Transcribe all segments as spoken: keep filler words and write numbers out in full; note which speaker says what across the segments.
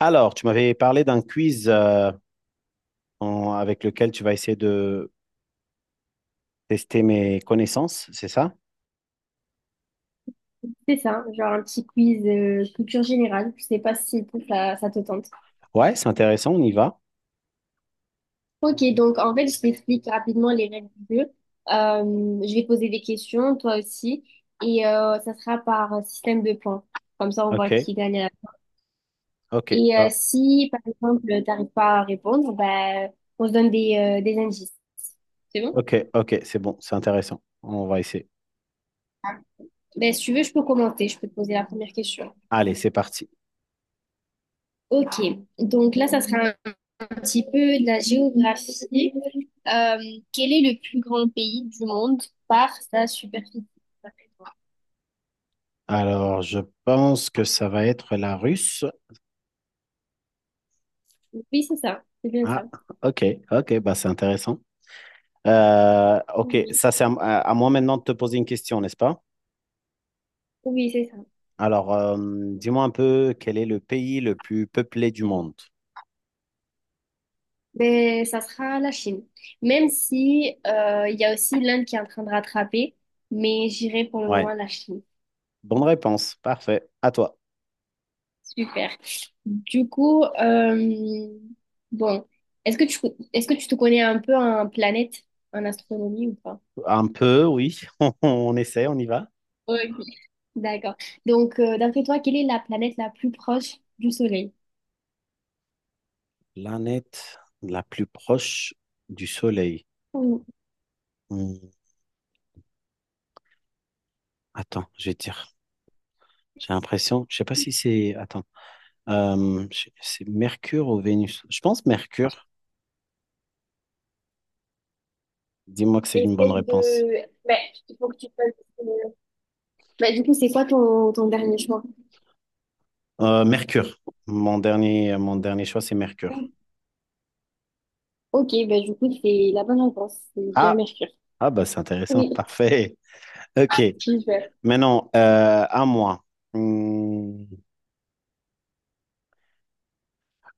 Speaker 1: Alors, tu m'avais parlé d'un quiz euh, en- avec lequel tu vas essayer de tester mes connaissances, c'est ça?
Speaker 2: C'est ça, genre un petit quiz euh, culture générale. Je sais pas si toi, ça, ça te tente.
Speaker 1: Ouais, c'est intéressant, on y va.
Speaker 2: Ok, donc en fait, je t'explique rapidement les règles du jeu. Euh, je vais poser des questions, toi aussi, et euh, ça sera par système de points. Comme ça, on
Speaker 1: Ok,
Speaker 2: voit qui gagne. à la-
Speaker 1: ok,
Speaker 2: Et euh,
Speaker 1: bah,
Speaker 2: si, par exemple, t'arrives pas à répondre, ben, on se donne des, euh, des indices. C'est bon?
Speaker 1: ok, ok, c'est bon, c'est intéressant. On va essayer.
Speaker 2: Ben, si tu veux, je peux commenter, je peux te poser la première question.
Speaker 1: Allez, c'est parti.
Speaker 2: Ok, donc là, ça sera petit peu de la géographie. Euh, quel est le plus grand pays du monde par sa superficie? D'après toi.
Speaker 1: Alors, je pense que ça va être la russe.
Speaker 2: Oui, c'est ça. C'est bien ça.
Speaker 1: Ah, ok, ok, bah c'est intéressant. Euh, ok,
Speaker 2: Oui,
Speaker 1: ça c'est à, à moi maintenant de te poser une question, n'est-ce pas?
Speaker 2: oui, c'est ça.
Speaker 1: Alors, euh, dis-moi un peu quel est le pays le plus peuplé du monde?
Speaker 2: Mais ça sera la Chine. Même si euh, il y a aussi l'Inde qui est en train de rattraper, mais j'irai pour le moment
Speaker 1: Ouais,
Speaker 2: la Chine.
Speaker 1: bonne réponse, parfait. À toi.
Speaker 2: Super. Du coup, euh, bon, est-ce que tu est-ce que tu te connais un peu en planète, en astronomie ou pas?
Speaker 1: Un peu, oui. On, on essaie, on y va.
Speaker 2: Ok. D'accord. Donc, euh, d'après toi, quelle est la planète la plus proche du Soleil?
Speaker 1: Planète la plus proche du Soleil.
Speaker 2: Mm.
Speaker 1: Hmm, attends, je vais te dire. J'ai l'impression, je sais pas si c'est. Attends, Euh, je- c'est Mercure ou Vénus? Je pense Mercure. Dis-moi que c'est une bonne
Speaker 2: Essaye
Speaker 1: réponse.
Speaker 2: de… Ben, il faut que tu fasses… euh, bah, du coup, c'est quoi ton, ton dernier choix?
Speaker 1: Euh, Mercure. Mon dernier, mon dernier choix, c'est Mercure.
Speaker 2: Ok, bah, du coup, c'est la bonne réponse. C'est bien
Speaker 1: Ah,
Speaker 2: Mercure.
Speaker 1: ah bah c'est intéressant,
Speaker 2: Oui,
Speaker 1: parfait. Ok,
Speaker 2: je vais.
Speaker 1: maintenant euh, à moi. Hmm,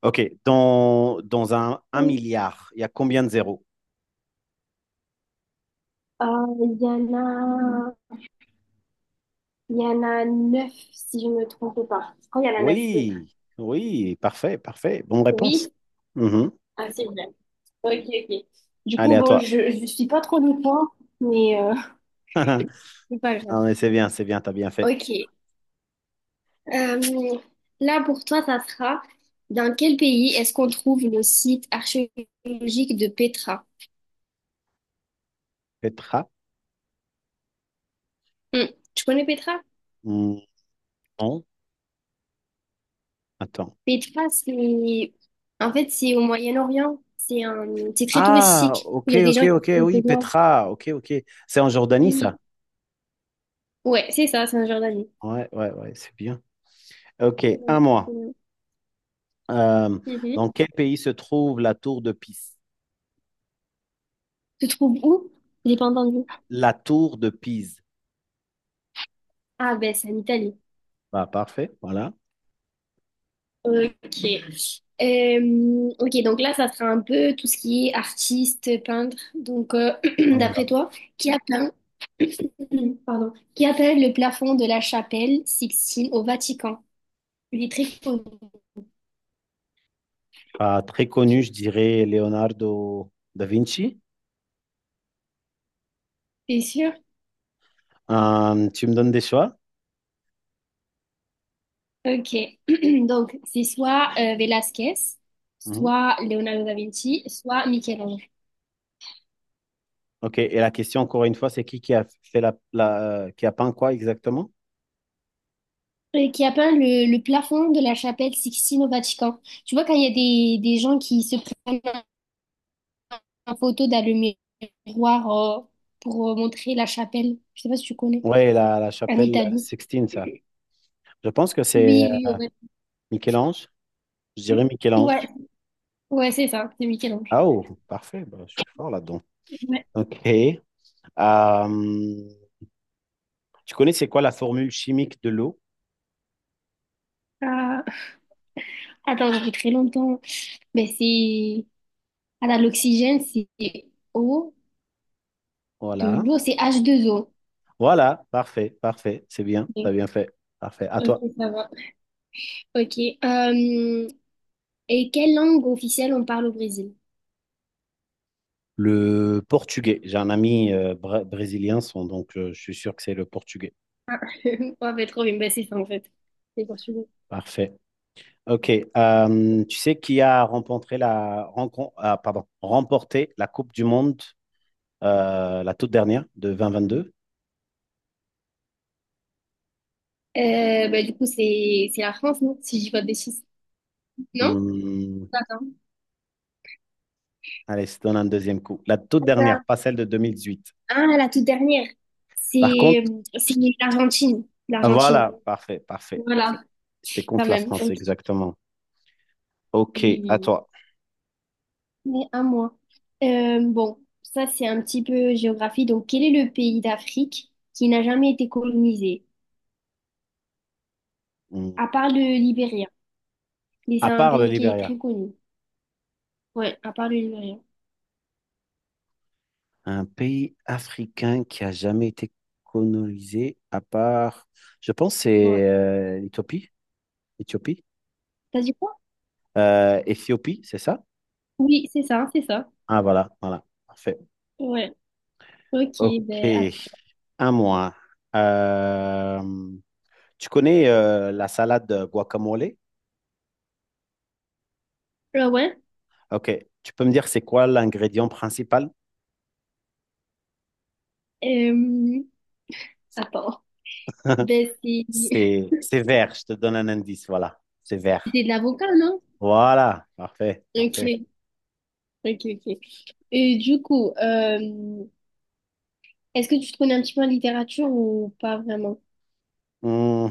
Speaker 1: ok, dans, dans un, un
Speaker 2: Oui.
Speaker 1: milliard, il y a combien de zéros?
Speaker 2: Euh, il y en a… il y en a neuf, si je ne me trompe pas. Je crois qu'il y en a neuf. Oui.
Speaker 1: Oui, oui, parfait, parfait. Bonne réponse.
Speaker 2: Oui.
Speaker 1: Mhm.
Speaker 2: Ah, c'est bien. Ok, ok. Du
Speaker 1: Allez,
Speaker 2: coup,
Speaker 1: à
Speaker 2: bon,
Speaker 1: toi.
Speaker 2: je ne suis pas trop de points, mais euh, c'est pas grave.
Speaker 1: Non, mais c'est bien, c'est bien, t'as bien fait.
Speaker 2: Ok. Euh, là, pour toi, ça sera dans quel pays est-ce qu'on trouve le site archéologique de Petra?
Speaker 1: Petra?
Speaker 2: Hmm, tu connais Petra?
Speaker 1: Hmm, non, attends.
Speaker 2: Petra, c'est en fait c'est au Moyen-Orient. C'est un… c'est très
Speaker 1: Ah,
Speaker 2: touristique.
Speaker 1: ok,
Speaker 2: Il y a des
Speaker 1: ok,
Speaker 2: gens qui
Speaker 1: ok,
Speaker 2: sont
Speaker 1: oui,
Speaker 2: dedans.
Speaker 1: Petra, ok, ok. C'est en Jordanie, ça?
Speaker 2: Oui. Ouais, c'est ça, c'est en Jordanie.
Speaker 1: Ouais, ouais, ouais, c'est bien. Ok, à
Speaker 2: Ouais,
Speaker 1: moi.
Speaker 2: ouais.
Speaker 1: Euh,
Speaker 2: Mhm.
Speaker 1: dans quel pays se trouve la tour de Pise?
Speaker 2: Tu te trouves où? J'ai pas entendu.
Speaker 1: La tour de Pise.
Speaker 2: Ah ben, c'est en Italie.
Speaker 1: Bah, parfait, voilà,
Speaker 2: Ok. Euh, ok, donc là, ça sera un peu tout ce qui est artiste, peintre. Donc, euh,
Speaker 1: on y va.
Speaker 2: d'après toi, qui a peint pardon, qui appelle le plafond de la chapelle Sixtine au Vatican. Il est très connu,
Speaker 1: Bah, très connu, je dirais Leonardo da Vinci.
Speaker 2: c'est sûr?
Speaker 1: Euh, tu me donnes des choix?
Speaker 2: Ok. Donc, c'est soit euh, Velázquez,
Speaker 1: Mhm.
Speaker 2: soit Leonardo da Vinci, soit Michel-Ange,
Speaker 1: Ok, et la question, encore une fois, c'est qui qui a fait la, la- euh, qui a peint quoi exactement?
Speaker 2: euh, qui a peint le, le plafond de la chapelle Sixtine au Vatican. Tu vois, quand il y a des, des gens qui se prennent en photo dans le miroir euh, pour euh, montrer la chapelle, je sais pas si tu connais,
Speaker 1: Ouais, la, la
Speaker 2: en
Speaker 1: chapelle
Speaker 2: Italie.
Speaker 1: Sixtine, ça. Je pense que c'est
Speaker 2: Oui,
Speaker 1: euh,
Speaker 2: oui, au
Speaker 1: Michel-Ange. Je dirais
Speaker 2: Vatican.
Speaker 1: Michel-Ange.
Speaker 2: Ouais, ouais, c'est ça, c'est Michel-Ange.
Speaker 1: Ah oh, parfait, bah, je suis fort là-dedans.
Speaker 2: Ouais.
Speaker 1: Ok. Euh, tu connais c'est quoi la formule chimique de l'eau?
Speaker 2: Euh, attends, ça fait très longtemps. Mais c'est. Attends, l'oxygène, c'est O, de
Speaker 1: Voilà.
Speaker 2: l'eau, c'est h deux o.
Speaker 1: Voilà, parfait, parfait. C'est bien, t'as
Speaker 2: Ok,
Speaker 1: bien fait. Parfait. À toi.
Speaker 2: ok, ça va. Ok. euh, et quelle langue officielle on parle au Brésil?
Speaker 1: Le portugais. J'ai un ami euh, bra- brésilien, son- donc euh, je suis sûr que c'est le portugais.
Speaker 2: Ah, ouais, mais trop bien. Bah, c'est ça, en fait. C'est portugais.
Speaker 1: Parfait. Ok. Euh, tu sais qui a remporté la, rencon- ah, pardon, remporté la Coupe du Monde, euh, la toute dernière de deux mille vingt-deux?
Speaker 2: Euh, bah, du coup, c'est c'est la France, non? Si je dis pas de bêtises. Non?
Speaker 1: Hmm,
Speaker 2: Attends.
Speaker 1: allez, je te donne un deuxième coup. La toute
Speaker 2: C'est
Speaker 1: dernière,
Speaker 2: ça.
Speaker 1: pas celle de deux mille dix-huit.
Speaker 2: Ah, la toute dernière.
Speaker 1: Par contre,
Speaker 2: C'est
Speaker 1: je-
Speaker 2: c'est l'Argentine.
Speaker 1: ah,
Speaker 2: L'Argentine.
Speaker 1: voilà, parfait, parfait, parfait.
Speaker 2: Voilà,
Speaker 1: C'était
Speaker 2: quand
Speaker 1: contre la
Speaker 2: même.
Speaker 1: France,
Speaker 2: Ok.
Speaker 1: exactement. Ok,
Speaker 2: Oui, oui,
Speaker 1: à
Speaker 2: oui.
Speaker 1: toi.
Speaker 2: Mais à moi. Euh, bon, ça c'est un petit peu géographie. Donc, quel est le pays d'Afrique qui n'a jamais été colonisé?
Speaker 1: Hmm.
Speaker 2: À part le Libéria. Mais c'est
Speaker 1: À
Speaker 2: un
Speaker 1: part le
Speaker 2: pays qui est
Speaker 1: Libéria.
Speaker 2: très connu. Ouais, à part le Libéria.
Speaker 1: Un pays africain qui a jamais été colonisé à part, je pense, c'est
Speaker 2: Ouais.
Speaker 1: euh, l'Éthiopie, Éthiopie,
Speaker 2: T'as dit quoi?
Speaker 1: euh, Éthiopie, c'est ça?
Speaker 2: Oui, c'est ça, c'est ça.
Speaker 1: Ah, voilà, voilà, parfait.
Speaker 2: Ouais. Ok,
Speaker 1: Ok,
Speaker 2: ben attends.
Speaker 1: à moi. Euh, tu connais euh, la salade guacamole?
Speaker 2: Ah ouais.
Speaker 1: Ok, tu peux me dire c'est quoi l'ingrédient principal?
Speaker 2: Euh, attends. Ben c'est
Speaker 1: C'est c'est vert, je te donne un indice, voilà, c'est vert.
Speaker 2: c'est de l'avocat, non?
Speaker 1: Voilà, parfait, parfait.
Speaker 2: Ok, ok, ok. Et du coup, euh, est-ce que tu te connais un petit peu en littérature ou pas vraiment?
Speaker 1: Hmm,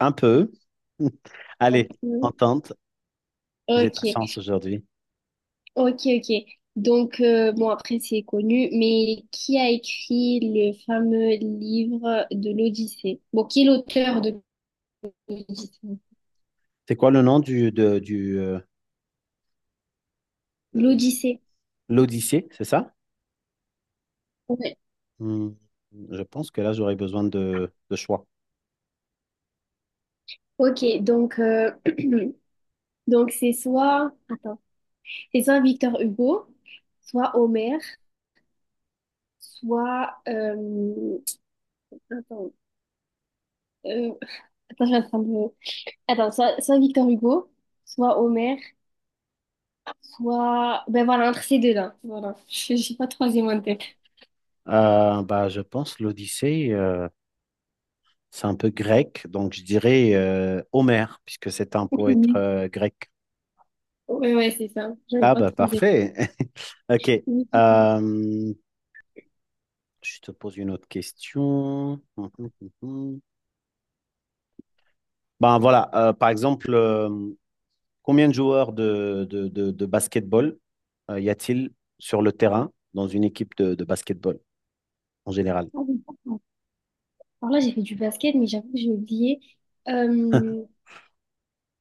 Speaker 1: un peu.
Speaker 2: Un
Speaker 1: Allez,
Speaker 2: peu.
Speaker 1: entente, j'ai de la
Speaker 2: Ok.
Speaker 1: chance aujourd'hui.
Speaker 2: Ok, ok. Donc, euh, bon, après, c'est connu, mais qui a écrit le fameux livre de l'Odyssée? Bon, qui est l'auteur de l'Odyssée?
Speaker 1: C'est quoi le nom du, de, du, euh, euh,
Speaker 2: L'Odyssée.
Speaker 1: l'Odyssée, c'est ça?
Speaker 2: Ouais.
Speaker 1: Hmm, je pense que là, j'aurais besoin de, de choix.
Speaker 2: Ok, donc, euh, donc c'est soit, attends, c'est soit Victor Hugo, soit Homère, soit, euh, attends, euh, attends, je vais attendre un peu. Attends, soit, soit Victor Hugo, soit Homère, soit, ben voilà, entre ces deux-là. Voilà, je je sais pas de troisième en tête.
Speaker 1: Euh, bah, je pense l'Odyssée, euh, c'est un peu grec, donc je dirais euh, Homère, puisque c'est un poète euh, grec.
Speaker 2: Ouais, ouais, c'est ça. J'avais
Speaker 1: Ah
Speaker 2: pas
Speaker 1: bah
Speaker 2: trop zéro.
Speaker 1: parfait. Ok.
Speaker 2: Mais du
Speaker 1: Euh, je te pose une autre question. Hum, hum, hum, hum. Ben voilà, euh, par exemple, euh, combien de joueurs de, de, de, de basketball euh, y a-t-il sur le terrain dans une équipe de, de basketball en général?
Speaker 2: coup, alors là, j'ai fait du basket, mais j'avoue que j'ai oublié. Euh,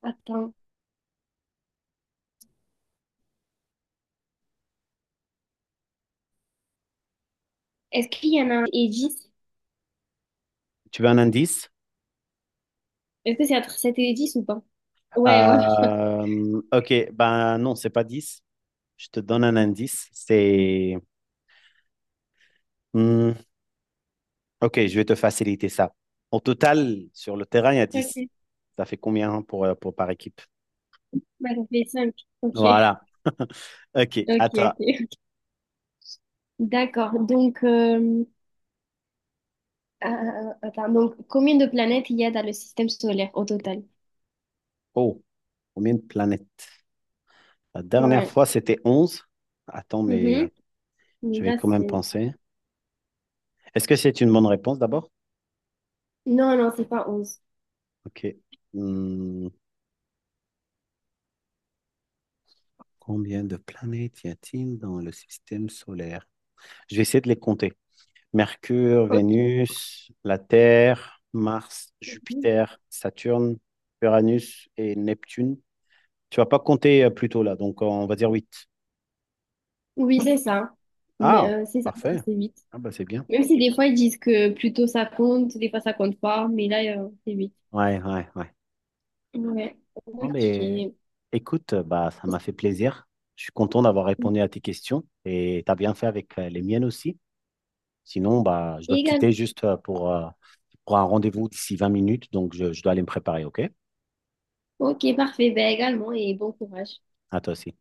Speaker 2: attends. Est-ce qu'il y en a un et dix?
Speaker 1: Tu veux un indice?
Speaker 2: Est-ce que c'est entre sept et dix ou pas? Ouais, voilà.
Speaker 1: Euh, ok, ben non, c'est pas dix. Je te donne un indice. C'est. Hmm, ok, je vais te faciliter ça. Au total, sur le terrain, il y a dix.
Speaker 2: Ok.
Speaker 1: Ça fait combien pour, euh, pour par équipe?
Speaker 2: Bah, ça fait cinq. Ok.
Speaker 1: Voilà. Ok,
Speaker 2: Ok,
Speaker 1: attends.
Speaker 2: ok. D'accord. Donc, euh, euh, attends. Donc, combien de planètes il y a dans le système solaire au total?
Speaker 1: Oh, combien de planètes? La dernière
Speaker 2: Ouais.
Speaker 1: fois, c'était onze. Attends,
Speaker 2: Mhm.
Speaker 1: mais
Speaker 2: Mais
Speaker 1: je vais
Speaker 2: là,
Speaker 1: quand même
Speaker 2: c'est.
Speaker 1: penser. Est-ce que c'est une bonne réponse d'abord?
Speaker 2: Non, non, c'est pas onze.
Speaker 1: Ok. Hmm, combien de planètes y a-t-il dans le système solaire? Je vais essayer de les compter. Mercure,
Speaker 2: Ok.
Speaker 1: Vénus, la Terre, Mars, Jupiter, Saturne, Uranus et Neptune. Tu vas pas compter euh, plutôt là, donc on va dire huit.
Speaker 2: Oui, c'est ça. Mais
Speaker 1: Ah,
Speaker 2: euh, c'est ça,
Speaker 1: parfait.
Speaker 2: c'est huit.
Speaker 1: Ah bah c'est bien.
Speaker 2: Même si des fois ils disent que plutôt ça compte, des fois ça compte pas, mais là, euh, c'est huit.
Speaker 1: Ouais, ouais, ouais.
Speaker 2: Ouais,
Speaker 1: Non, mais
Speaker 2: ok.
Speaker 1: écoute, euh, bah ça m'a fait plaisir. Je suis content d'avoir répondu à tes questions et tu as bien fait avec euh, les miennes aussi. Sinon, bah, je dois te quitter
Speaker 2: Également.
Speaker 1: juste euh, pour, euh, pour un rendez-vous d'ici vingt minutes, donc je, je dois aller me préparer, ok?
Speaker 2: Ok, parfait. Ben également, et bon courage.
Speaker 1: À toi aussi.